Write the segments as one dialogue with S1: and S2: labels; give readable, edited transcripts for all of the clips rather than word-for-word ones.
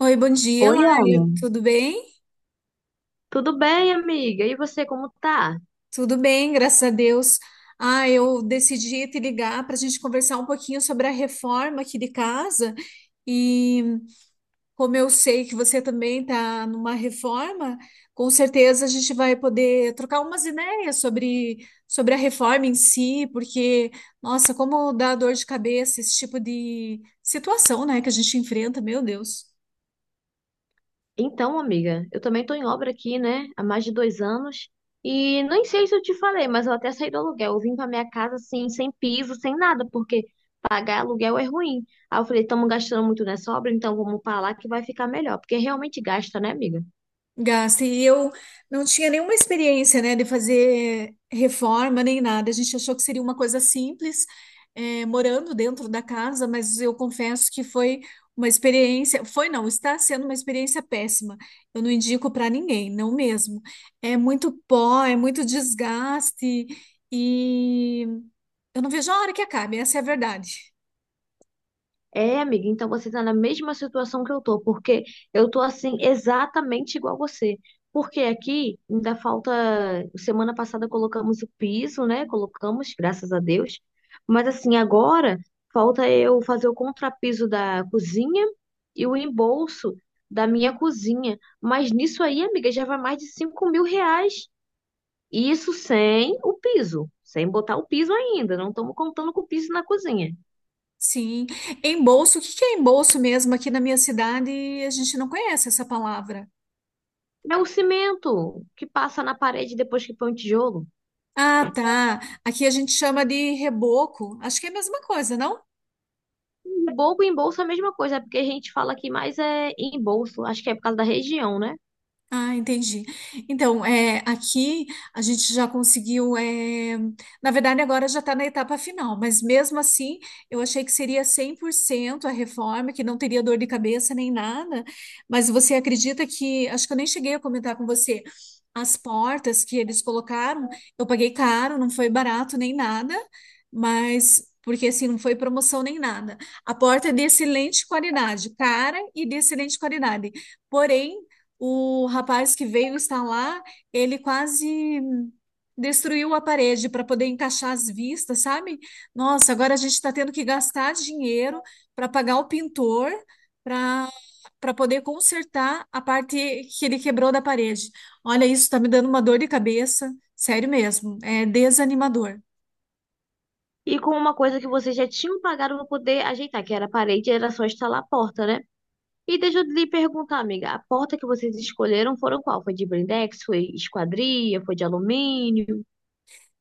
S1: Oi, bom dia,
S2: Oi,
S1: Laila.
S2: Ana.
S1: Tudo bem?
S2: Tudo bem, amiga? E você, como tá?
S1: Tudo bem, graças a Deus. Ah, eu decidi te ligar para a gente conversar um pouquinho sobre a reforma aqui de casa. E como eu sei que você também está numa reforma, com certeza a gente vai poder trocar umas ideias sobre a reforma em si, porque, nossa, como dá dor de cabeça esse tipo de situação, né, que a gente enfrenta, meu Deus.
S2: Então, amiga, eu também tô em obra aqui, né? Há mais de 2 anos. E nem sei se eu te falei, mas eu até saí do aluguel. Eu vim pra minha casa, assim, sem piso, sem nada, porque pagar aluguel é ruim. Aí eu falei, estamos gastando muito nessa obra, então vamos pra lá que vai ficar melhor. Porque realmente gasta, né, amiga?
S1: Gasta. E eu não tinha nenhuma experiência, né, de fazer reforma nem nada. A gente achou que seria uma coisa simples, eh, morando dentro da casa, mas eu confesso que foi uma experiência. Foi não, está sendo uma experiência péssima. Eu não indico para ninguém, não mesmo. É muito pó, é muito desgaste e eu não vejo a hora que acabe, essa é a verdade.
S2: É, amiga, então você está na mesma situação que eu tô, porque eu tô assim exatamente igual você. Porque aqui ainda falta. Semana passada colocamos o piso, né? Colocamos, graças a Deus. Mas assim, agora falta eu fazer o contrapiso da cozinha e o embolso da minha cozinha. Mas nisso aí, amiga, já vai mais de 5 mil reais. E isso sem o piso, sem botar o piso ainda. Não estamos contando com o piso na cozinha.
S1: Sim, embolso, o que que é embolso mesmo? Aqui na minha cidade a gente não conhece essa palavra.
S2: É o cimento que passa na parede depois que põe o tijolo.
S1: Ah, tá. Aqui a gente chama de reboco. Acho que é a mesma coisa, não?
S2: E bobo, em bolsa é a mesma coisa, é porque a gente fala que mais é em bolso, acho que é por causa da região, né?
S1: Ah, entendi. Então, é, aqui a gente já conseguiu. É, na verdade, agora já está na etapa final, mas mesmo assim, eu achei que seria 100% a reforma, que não teria dor de cabeça nem nada. Mas você acredita que. Acho que eu nem cheguei a comentar com você. As portas que eles colocaram, eu paguei caro, não foi barato nem nada, mas. Porque assim, não foi promoção nem nada. A porta é de excelente qualidade, cara e de excelente qualidade. Porém, o rapaz que veio instalar, ele quase destruiu a parede para poder encaixar as vistas, sabe? Nossa, agora a gente está tendo que gastar dinheiro para pagar o pintor para para poder consertar a parte que ele quebrou da parede. Olha, isso está me dando uma dor de cabeça, sério mesmo, é desanimador.
S2: E com uma coisa que vocês já tinham pagado para poder ajeitar, que era a parede, era só instalar a porta, né? E deixa eu lhe perguntar, amiga, a porta que vocês escolheram foram qual? Foi de blindex, foi esquadria, foi de alumínio?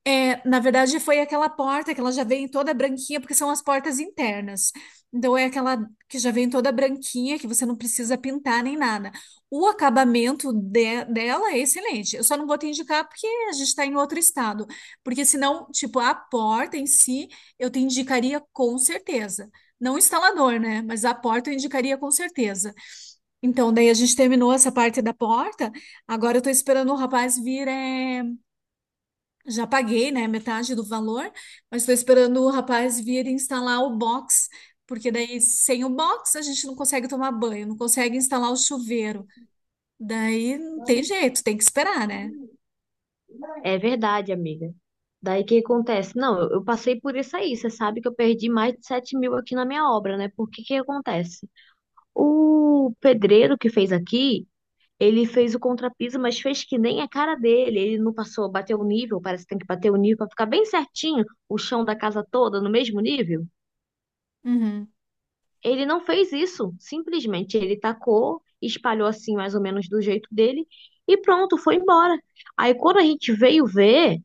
S1: É, na verdade, foi aquela porta que ela já vem toda branquinha, porque são as portas internas. Então, é aquela que já vem toda branquinha, que você não precisa pintar nem nada. O acabamento dela é excelente. Eu só não vou te indicar porque a gente está em outro estado. Porque senão, tipo, a porta em si, eu te indicaria com certeza. Não o instalador, né? Mas a porta eu indicaria com certeza. Então, daí a gente terminou essa parte da porta. Agora eu tô esperando o rapaz vir, é, já paguei, né, metade do valor, mas estou esperando o rapaz vir instalar o box, porque daí sem o box a gente não consegue tomar banho, não consegue instalar o chuveiro. Daí não tem jeito, tem que esperar, né?
S2: É verdade, amiga. Daí o que acontece? Não, eu passei por isso aí. Você sabe que eu perdi mais de 7 mil aqui na minha obra, né? Por que que acontece? O pedreiro que fez aqui, ele fez o contrapiso, mas fez que nem a cara dele. Ele não passou, bateu o nível, parece que tem que bater o nível para ficar bem certinho o chão da casa toda no mesmo nível.
S1: Uhum.
S2: Ele não fez isso, simplesmente ele tacou, espalhou assim mais ou menos do jeito dele e pronto, foi embora. Aí quando a gente veio ver,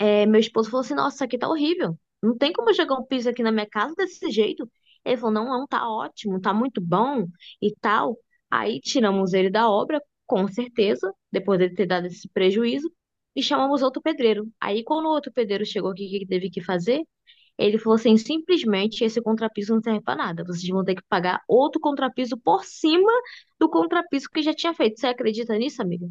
S2: é, meu esposo falou assim: "Nossa, isso aqui tá horrível. Não tem como jogar um piso aqui na minha casa desse jeito." Ele falou: "Não, não, tá ótimo, tá muito bom" e tal. Aí tiramos ele da obra, com certeza, depois dele ter dado esse prejuízo, e chamamos outro pedreiro. Aí, quando o outro pedreiro chegou aqui, o que que teve que fazer? Ele falou assim: "Simplesmente esse contrapiso não serve pra nada. Vocês vão ter que pagar outro contrapiso por cima do contrapiso que já tinha feito." Você acredita nisso, amiga?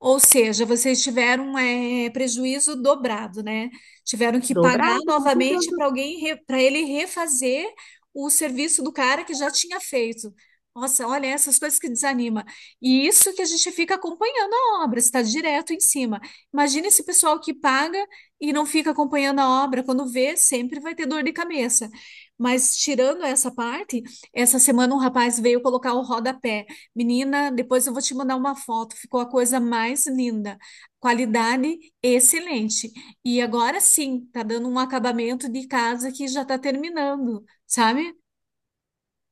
S1: Ou seja, vocês tiveram é, prejuízo dobrado, né? Tiveram que pagar
S2: Dobrado, com
S1: novamente
S2: certeza.
S1: para alguém, para ele refazer o serviço do cara que já tinha feito. Nossa, olha essas coisas que desanima. E isso que a gente fica acompanhando a obra, está direto em cima. Imagina esse pessoal que paga e não fica acompanhando a obra, quando vê, sempre vai ter dor de cabeça. Mas tirando essa parte, essa semana um rapaz veio colocar o rodapé. Menina, depois eu vou te mandar uma foto, ficou a coisa mais linda. Qualidade excelente. E agora sim, tá dando um acabamento de casa que já tá terminando, sabe?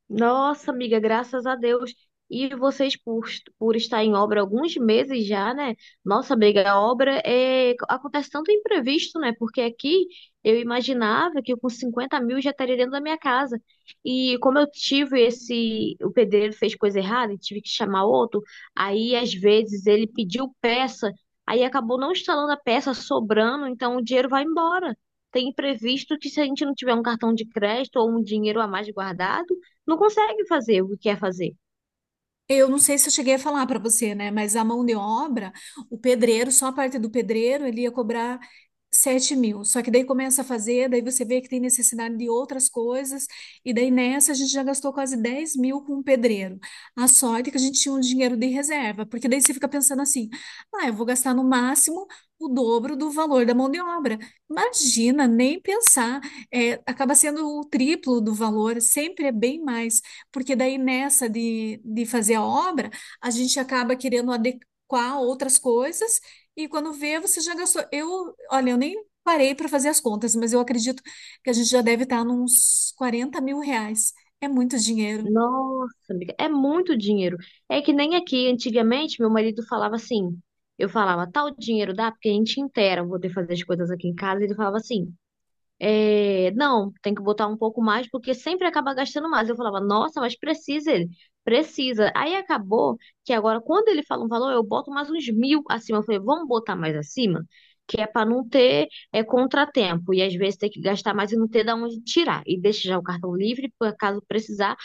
S2: Nossa, amiga, graças a Deus. E vocês, por estar em obra há alguns meses já, né? Nossa, amiga, a obra acontece tanto imprevisto, né? Porque aqui eu imaginava que eu com 50 mil já estaria dentro da minha casa. E como eu tive esse. O pedreiro fez coisa errada e tive que chamar outro, aí às vezes ele pediu peça, aí acabou não instalando a peça, sobrando, então o dinheiro vai embora. Tem imprevisto que se a gente não tiver um cartão de crédito ou um dinheiro a mais guardado. Não consegue fazer o que quer fazer.
S1: Eu não sei se eu cheguei a falar para você, né? Mas a mão de obra, o pedreiro, só a parte do pedreiro, ele ia cobrar 7 mil. Só que daí começa a fazer, daí você vê que tem necessidade de outras coisas, e daí nessa a gente já gastou quase 10 mil com o pedreiro. A sorte é que a gente tinha um dinheiro de reserva, porque daí você fica pensando assim: ah, eu vou gastar no máximo o dobro do valor da mão de obra. Imagina, nem pensar. É, acaba sendo o triplo do valor, sempre é bem mais porque daí nessa de fazer a obra, a gente acaba querendo adequar outras coisas, e quando vê, você já gastou. Eu, olha, eu nem parei para fazer as contas, mas eu acredito que a gente já deve estar nos 40 mil reais. É muito dinheiro.
S2: Nossa, amiga, é muito dinheiro. É que nem aqui, antigamente, meu marido falava assim. Eu falava, tal dinheiro dá, porque a gente inteira, vou ter que fazer as coisas aqui em casa. Ele falava assim, é, não, tem que botar um pouco mais, porque sempre acaba gastando mais. Eu falava, nossa, mas precisa ele, precisa. Aí acabou que agora, quando ele fala um valor, eu boto mais uns mil acima. Eu falei, vamos botar mais acima, que é para não ter, é, contratempo. E às vezes tem que gastar mais e não ter de onde tirar. E deixa já o cartão livre, por caso precisar,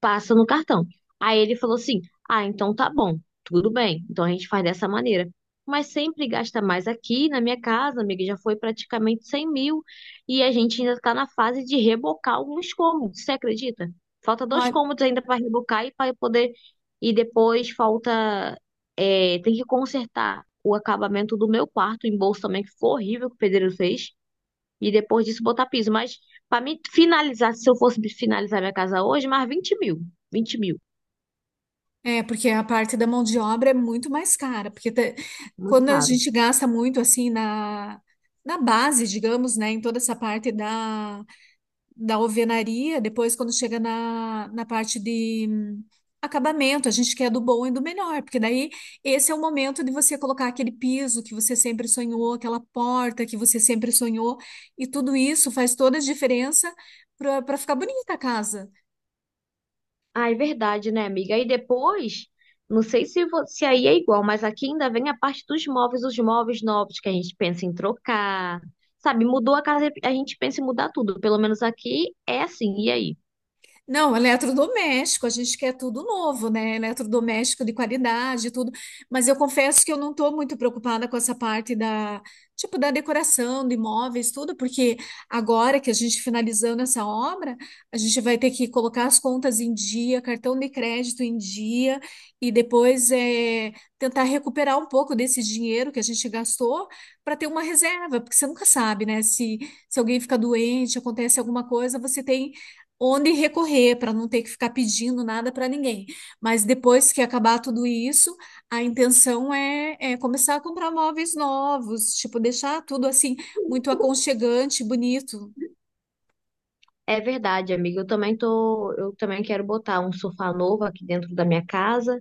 S2: passa no cartão. Aí ele falou assim: "Ah, então tá bom, tudo bem. Então a gente faz dessa maneira." Mas sempre gasta mais aqui na minha casa, amiga, já foi praticamente 100 mil. E a gente ainda está na fase de rebocar alguns cômodos, você acredita? Falta dois
S1: Olha,
S2: cômodos ainda para rebocar e para poder. E depois falta, é, tem que consertar o acabamento do meu quarto em bolso também, que foi horrível que o pedreiro fez. E depois disso botar piso. Mas para mim finalizar, se eu fosse finalizar minha casa hoje, mais 20 mil. 20 mil.
S1: é, porque a parte da mão de obra é muito mais cara, porque
S2: Muito
S1: quando a
S2: caro.
S1: gente gasta muito assim na. Na base, digamos, né, em toda essa parte da alvenaria, depois quando chega na parte de acabamento, a gente quer do bom e do melhor, porque daí esse é o momento de você colocar aquele piso que você sempre sonhou, aquela porta que você sempre sonhou, e tudo isso faz toda a diferença para ficar bonita a casa.
S2: Ah, é verdade, né, amiga? Aí depois, não sei se, se aí é igual, mas aqui ainda vem a parte dos móveis, os móveis novos que a gente pensa em trocar. Sabe, mudou a casa, a gente pensa em mudar tudo. Pelo menos aqui é assim, e aí?
S1: Não, eletrodoméstico, a gente quer tudo novo, né? Eletrodoméstico de qualidade, tudo. Mas eu confesso que eu não estou muito preocupada com essa parte da, tipo, da decoração, de imóveis, tudo, porque agora que a gente finalizando essa obra, a gente vai ter que colocar as contas em dia, cartão de crédito em dia, e depois é, tentar recuperar um pouco desse dinheiro que a gente gastou para ter uma reserva, porque você nunca sabe, né? Se alguém fica doente, acontece alguma coisa, você tem onde recorrer para não ter que ficar pedindo nada para ninguém. Mas depois que acabar tudo isso, a intenção é começar a comprar móveis novos, tipo, deixar tudo assim muito aconchegante, bonito.
S2: É verdade, amiga. Eu também quero botar um sofá novo aqui dentro da minha casa.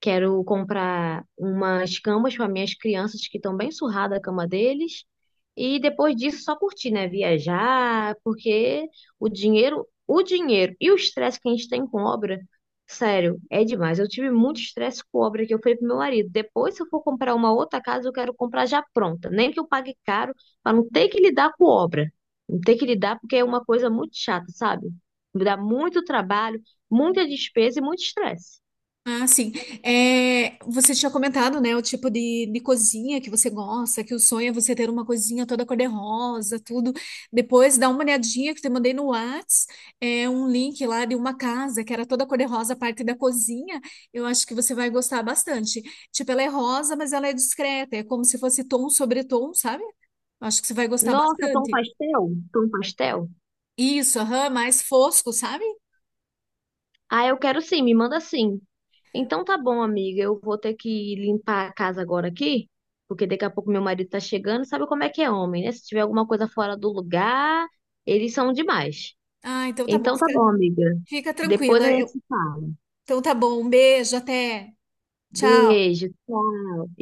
S2: Quero comprar umas camas para minhas crianças que estão bem surradas a cama deles. E depois disso, só curtir, né? Viajar, porque o dinheiro e o estresse que a gente tem com obra, sério, é demais. Eu tive muito estresse com obra que eu falei pro meu marido. Depois, se eu for comprar uma outra casa, eu quero comprar já pronta. Nem que eu pague caro, para não ter que lidar com obra. Não ter que lidar, porque é uma coisa muito chata, sabe? Me dá muito trabalho, muita despesa e muito estresse.
S1: Ah, sim. É, você tinha comentado, né, o tipo de cozinha que você gosta, que o sonho é você ter uma cozinha toda cor-de-rosa, tudo. Depois dá uma olhadinha que eu te mandei no Whats, é um link lá de uma casa que era toda cor-de-rosa, a parte da cozinha. Eu acho que você vai gostar bastante. Tipo, ela é rosa, mas ela é discreta, é como se fosse tom sobre tom, sabe? Eu acho que você vai gostar
S2: Nossa, tom
S1: bastante.
S2: pastel? Tom pastel?
S1: Isso, aham, mais fosco, sabe?
S2: Ah, eu quero sim, me manda sim. Então tá bom, amiga. Eu vou ter que limpar a casa agora aqui, porque daqui a pouco meu marido tá chegando. Sabe como é que é homem, né? Se tiver alguma coisa fora do lugar, eles são demais.
S1: Ah, então tá bom,
S2: Então tá
S1: fica,
S2: bom, amiga.
S1: fica
S2: Depois a
S1: tranquila.
S2: gente se
S1: Eu-
S2: fala.
S1: então tá bom, um beijo, até. Tchau.
S2: Beijo, tchau.